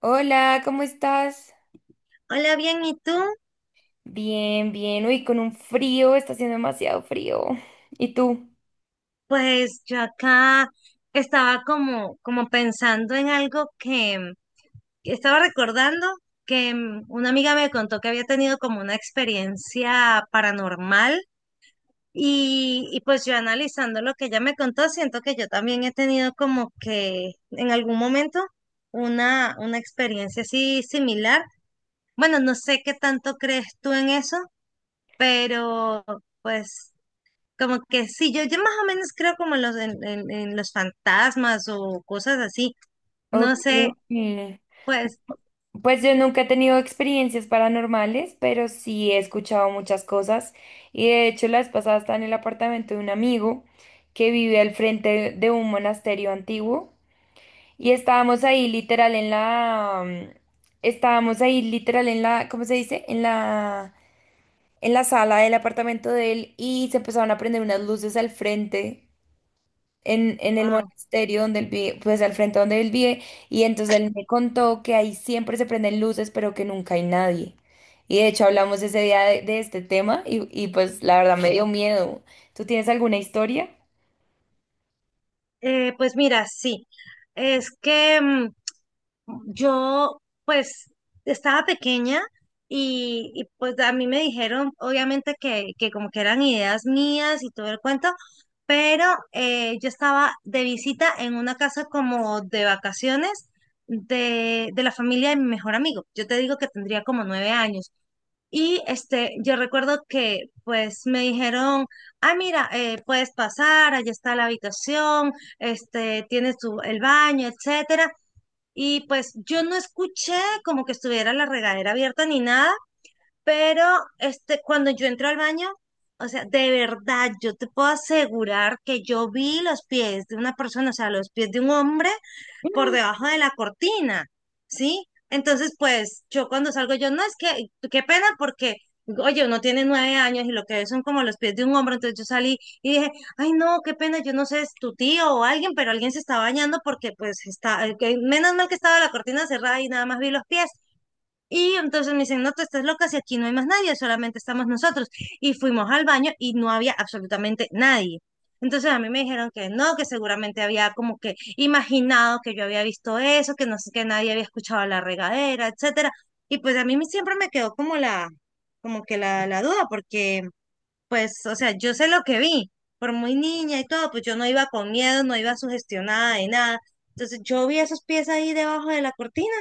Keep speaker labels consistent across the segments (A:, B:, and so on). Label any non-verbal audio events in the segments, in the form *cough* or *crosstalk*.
A: Hola, ¿cómo estás?
B: Hola, bien, ¿y tú?
A: Bien. Uy, con un frío, está haciendo demasiado frío. ¿Y tú?
B: Pues yo acá estaba como pensando en algo que estaba recordando que una amiga me contó que había tenido como una experiencia paranormal y pues yo analizando lo que ella me contó, siento que yo también he tenido como que en algún momento una experiencia así similar. Bueno, no sé qué tanto crees tú en eso, pero pues... Como que sí, yo más o menos creo como en los fantasmas o cosas así. No
A: Ok.
B: sé, pues,
A: Pues yo nunca he tenido experiencias paranormales, pero sí he escuchado muchas cosas. Y de hecho, la vez pasada estaba en el apartamento de un amigo que vive al frente de un monasterio antiguo. Y estábamos ahí literal en la... Estábamos ahí literal en la... ¿Cómo se dice? En en la sala del apartamento de él y se empezaron a prender unas luces al frente, en el
B: ah,
A: monasterio donde él vive, pues al frente donde él vive, y entonces él me contó que ahí siempre se prenden luces, pero que nunca hay nadie. Y de hecho hablamos ese día de este tema y pues la verdad me dio miedo. ¿Tú tienes alguna historia?
B: pues mira, sí. Es que pues, estaba pequeña y, pues a mí me dijeron, obviamente, que como que eran ideas mías y todo el cuento, pero yo estaba de visita en una casa como de vacaciones de la familia de mi mejor amigo. Yo te digo que tendría como 9 años. Y yo recuerdo que pues me dijeron, mira, puedes pasar, allá está la habitación, tienes el baño, etcétera. Y pues yo no escuché como que estuviera la regadera abierta ni nada, pero cuando yo entré al baño, o sea, de verdad, yo te puedo asegurar que yo vi los pies de una persona, o sea, los pies de un hombre por debajo de la cortina, ¿sí? Entonces, pues yo cuando salgo, yo no es que, qué pena porque, oye, uno tiene 9 años y lo que ve son como los pies de un hombro, entonces yo salí y dije, ay, no, qué pena, yo no sé, es tu tío o alguien, pero alguien se está bañando porque pues está, menos mal que estaba la cortina cerrada y nada más vi los pies. Y entonces me dicen, no, tú estás loca, si aquí no hay más nadie, solamente estamos nosotros. Y fuimos al baño y no había absolutamente nadie. Entonces a mí me dijeron que no, que seguramente había como que imaginado que yo había visto eso, que no sé, que nadie había escuchado la regadera, etcétera. Y pues a mí siempre me quedó como que la duda, porque pues, o sea, yo sé lo que vi, por muy niña y todo, pues yo no iba con miedo, no iba sugestionada de nada. Entonces yo vi esos pies ahí debajo de la cortina.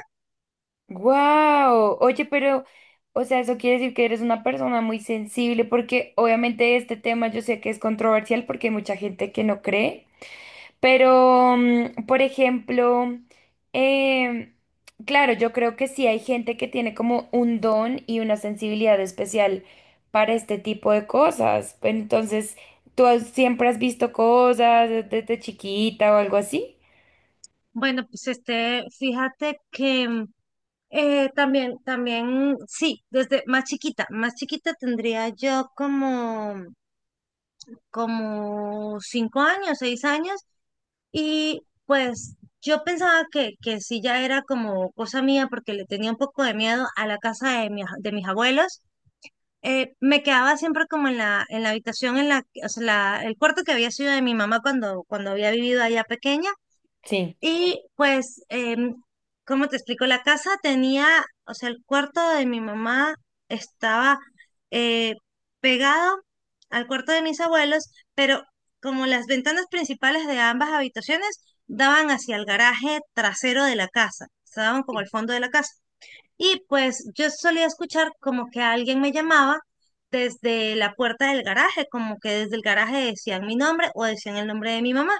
A: ¡Wow! Oye, pero, o sea, eso quiere decir que eres una persona muy sensible porque obviamente este tema yo sé que es controversial porque hay mucha gente que no cree. Pero, por ejemplo, em, claro, yo creo que sí hay gente que tiene como un don y una sensibilidad especial para este tipo de cosas. Entonces, siempre has visto cosas desde chiquita o algo así?
B: Bueno, pues fíjate que también, también, sí, desde más chiquita tendría yo como, 5 años, 6 años, y pues yo pensaba que sí ya era como cosa mía porque le tenía un poco de miedo a la casa de mis abuelos. Me quedaba siempre como en la habitación, o sea, el cuarto que había sido de mi mamá cuando había vivido allá pequeña.
A: Sí.
B: Y pues, ¿cómo te explico? La casa tenía, o sea, el cuarto de mi mamá estaba eh, pegado al cuarto de mis abuelos, pero como las ventanas principales de ambas habitaciones daban hacia el garaje trasero de la casa, se daban como al fondo de la casa. Y pues yo solía escuchar como que alguien me llamaba desde la puerta del garaje, como que desde el garaje decían mi nombre o decían el nombre de mi mamá.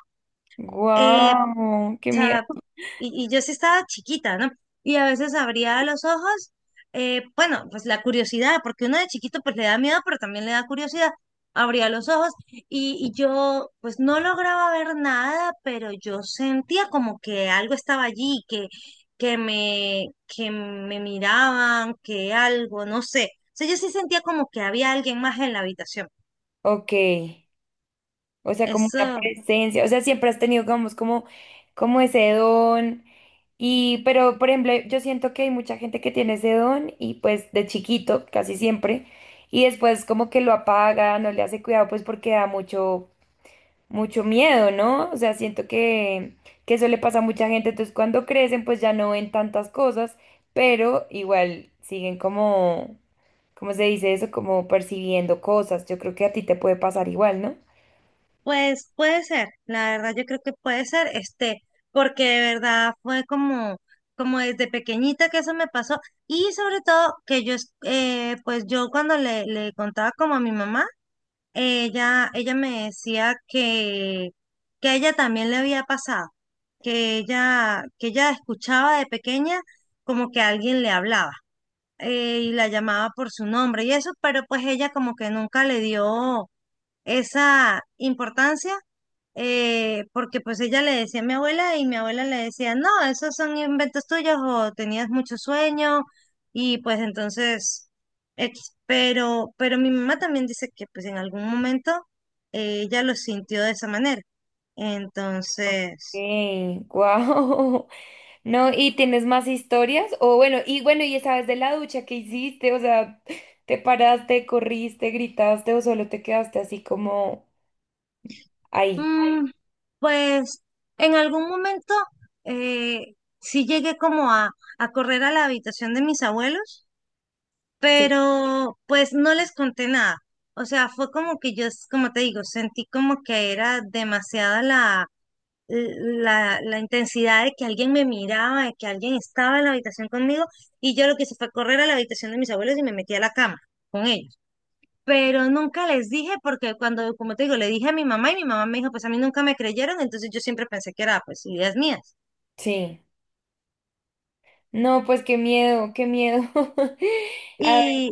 B: Eh,
A: Wow, qué
B: sea,
A: miedo.
B: y yo sí estaba chiquita, ¿no? Y a veces abría los ojos, bueno, pues la curiosidad, porque uno de chiquito pues le da miedo, pero también le da curiosidad. Abría los ojos y yo pues no lograba ver nada, pero yo sentía como que algo estaba allí, que me miraban, que algo, no sé. O sea, yo sí sentía como que había alguien más en la habitación.
A: Ok, o sea, como una
B: Eso.
A: presencia, o sea, siempre has tenido, digamos, como, como ese don. Y, pero, por ejemplo, yo siento que hay mucha gente que tiene ese don y pues de chiquito, casi siempre, y después como que lo apaga, no le hace cuidado, pues porque da mucho, mucho miedo, ¿no? O sea, siento que eso le pasa a mucha gente, entonces cuando crecen pues ya no ven tantas cosas, pero igual siguen como, ¿cómo se dice eso? Como percibiendo cosas. Yo creo que a ti te puede pasar igual, ¿no?
B: Pues puede ser, la verdad yo creo que puede ser, porque de verdad fue como desde pequeñita que eso me pasó y sobre todo que pues yo cuando le contaba como a mi mamá, ella me decía que a ella también le había pasado, que ella escuchaba de pequeña como que alguien le hablaba y la llamaba por su nombre y eso, pero pues ella como que nunca le dio esa importancia porque pues ella le decía a mi abuela y mi abuela le decía, no, esos son inventos tuyos o tenías mucho sueño y pues entonces, X. Pero mi mamá también dice que pues en algún momento ella lo sintió de esa manera.
A: Ok,
B: Entonces,
A: wow. *laughs* No, ¿y tienes más historias? O bueno, y bueno, y esa vez de la ducha que hiciste, o sea, ¿te paraste, corriste, gritaste o solo te quedaste así como ahí?
B: mm, pues en algún momento eh, sí llegué como a correr a la habitación de mis abuelos
A: Sí.
B: pero pues no les conté nada. O sea, fue como que yo, como te digo, sentí como que era demasiada la intensidad de que alguien me miraba, de que alguien estaba en la habitación conmigo, y yo lo que hice fue correr a la habitación de mis abuelos y me metí a la cama con ellos. Pero nunca les dije, porque cuando, como te digo, le dije a mi mamá y mi mamá me dijo, pues a mí nunca me creyeron, entonces yo siempre pensé que era pues ideas mías.
A: Sí. No, pues qué miedo, qué miedo. *laughs* A ver,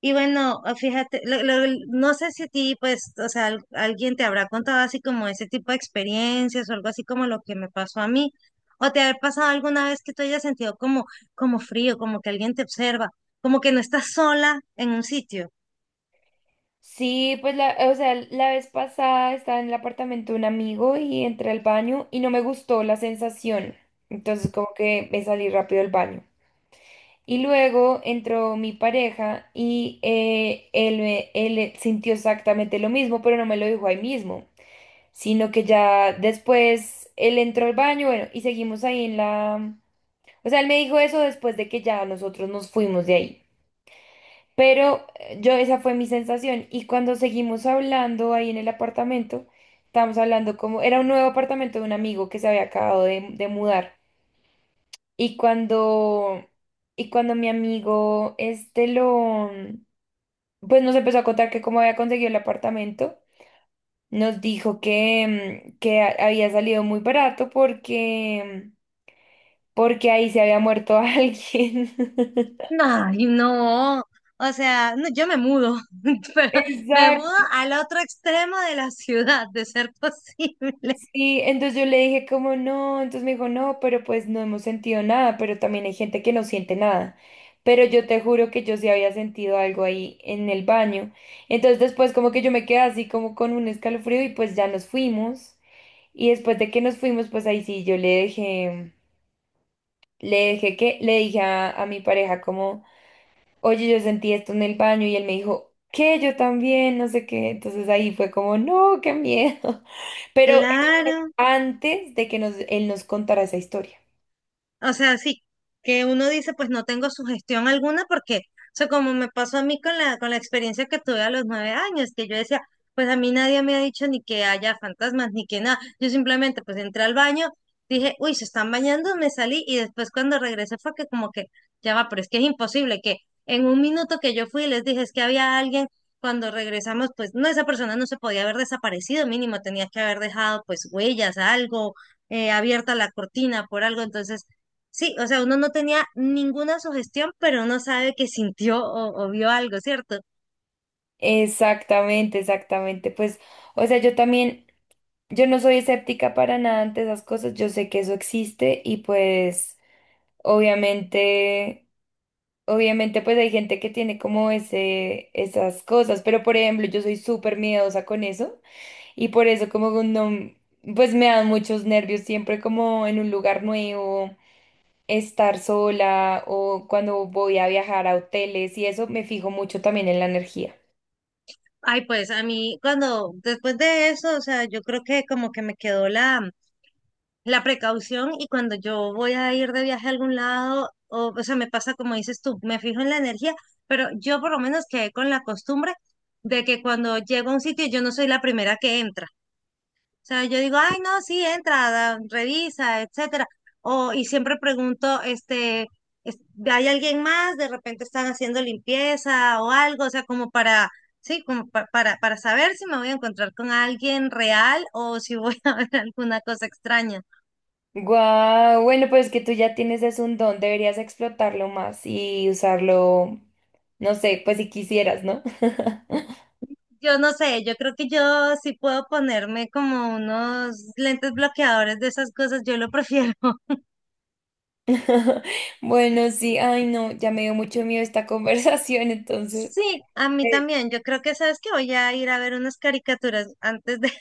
B: Y bueno, fíjate, no sé si a ti, pues, o sea, alguien te habrá contado así como ese tipo de experiencias o algo así como lo que me pasó a mí, o te ha pasado alguna vez que tú hayas sentido como, como frío, como que alguien te observa, como que no estás sola en un sitio.
A: sí, pues la, o sea, la vez pasada estaba en el apartamento de un amigo y entré al baño y no me gustó la sensación. Entonces como que me salí rápido del baño. Y luego entró mi pareja y él, él sintió exactamente lo mismo, pero no me lo dijo ahí mismo, sino que ya después él entró al baño, bueno, y seguimos ahí en la... O sea, él me dijo eso después de que ya nosotros nos fuimos de ahí. Pero yo, esa fue mi sensación. Y cuando seguimos hablando ahí en el apartamento, estábamos hablando como... Era un nuevo apartamento de un amigo que se había acabado de mudar. Y cuando, y cuando mi amigo este lo, pues nos empezó a contar que cómo había conseguido el apartamento, nos dijo que, que había salido muy barato porque, porque ahí se había muerto *laughs* alguien. *laughs*
B: Ay, no, o sea, no, yo me mudo, *laughs* pero me mudo
A: Exacto.
B: al otro extremo de la ciudad, de ser posible.
A: Sí, entonces yo le dije como no, entonces me dijo no, pero pues no hemos sentido nada, pero también hay gente que no siente nada. Pero yo te juro que yo sí había sentido algo ahí en el baño. Entonces después como que yo me quedé así como con un escalofrío y pues ya nos fuimos. Y después de que nos fuimos, pues ahí sí yo le dejé que, le dije a mi pareja como, oye, yo sentí esto en el baño y él me dijo, ¿qué? Yo también, no sé qué. Entonces ahí fue como, no, qué miedo. *laughs*
B: *laughs*
A: Pero
B: Claro.
A: antes de que nos, él nos contara esa historia.
B: O sea, sí, que uno dice, pues no tengo sugestión alguna porque, o sea, como me pasó a mí con la experiencia que tuve a los 9 años, que yo decía, pues a mí nadie me ha dicho ni que haya fantasmas, ni que nada. Yo simplemente, pues entré al baño, dije, uy, se están bañando, me salí y después cuando regresé fue que como que, ya va, pero es que es imposible que en un minuto que yo fui les dije, es que había alguien, cuando regresamos, pues no, esa persona no se podía haber desaparecido, mínimo tenía que haber dejado pues huellas, algo abierta la cortina por algo, entonces. Sí, o sea, uno no tenía ninguna sugestión, pero uno sabe que sintió o vio algo, ¿cierto?
A: Exactamente, exactamente. Pues, o sea, yo también, yo no soy escéptica para nada ante esas cosas, yo sé que eso existe y pues, obviamente, obviamente, pues hay gente que tiene como ese, esas cosas, pero por ejemplo, yo soy súper miedosa con eso y por eso como que no, pues me dan muchos nervios siempre como en un lugar nuevo estar sola o cuando voy a viajar a hoteles y eso me fijo mucho también en la energía.
B: Ay, pues a mí, cuando, después de eso, o sea, yo creo que como que me quedó la precaución y cuando yo voy a ir de viaje a algún lado, o sea, me pasa como dices tú, me fijo en la energía, pero yo por lo menos quedé con la costumbre de que cuando llego a un sitio, yo no soy la primera que entra. Yo digo, ay, no, sí, entra, revisa, etcétera. Y siempre pregunto, es- ¿hay alguien más? De repente están haciendo limpieza o algo, o sea, como para, sí, como para saber si me voy a encontrar con alguien real o si voy *laughs* a ver alguna cosa extraña.
A: Guau, bueno, pues que tú ya tienes es un don, deberías explotarlo más y usarlo, no sé, pues si quisieras, ¿no?
B: Yo no sé, yo creo que yo sí puedo ponerme como unos lentes bloqueadores de esas cosas, yo lo prefiero. *laughs*
A: *laughs* Bueno, sí, ay no, ya me dio mucho miedo esta *laughs* conversación, entonces.
B: Sí, a mí
A: Eh,
B: también. Yo creo que sabes que voy a ir a ver unas caricaturas antes de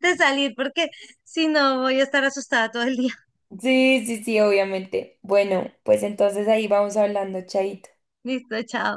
B: de salir porque si no voy a estar asustada todo el día.
A: Sí, sí, sí, obviamente. Bueno, pues entonces ahí vamos hablando, chaito.
B: *laughs* Listo, chao.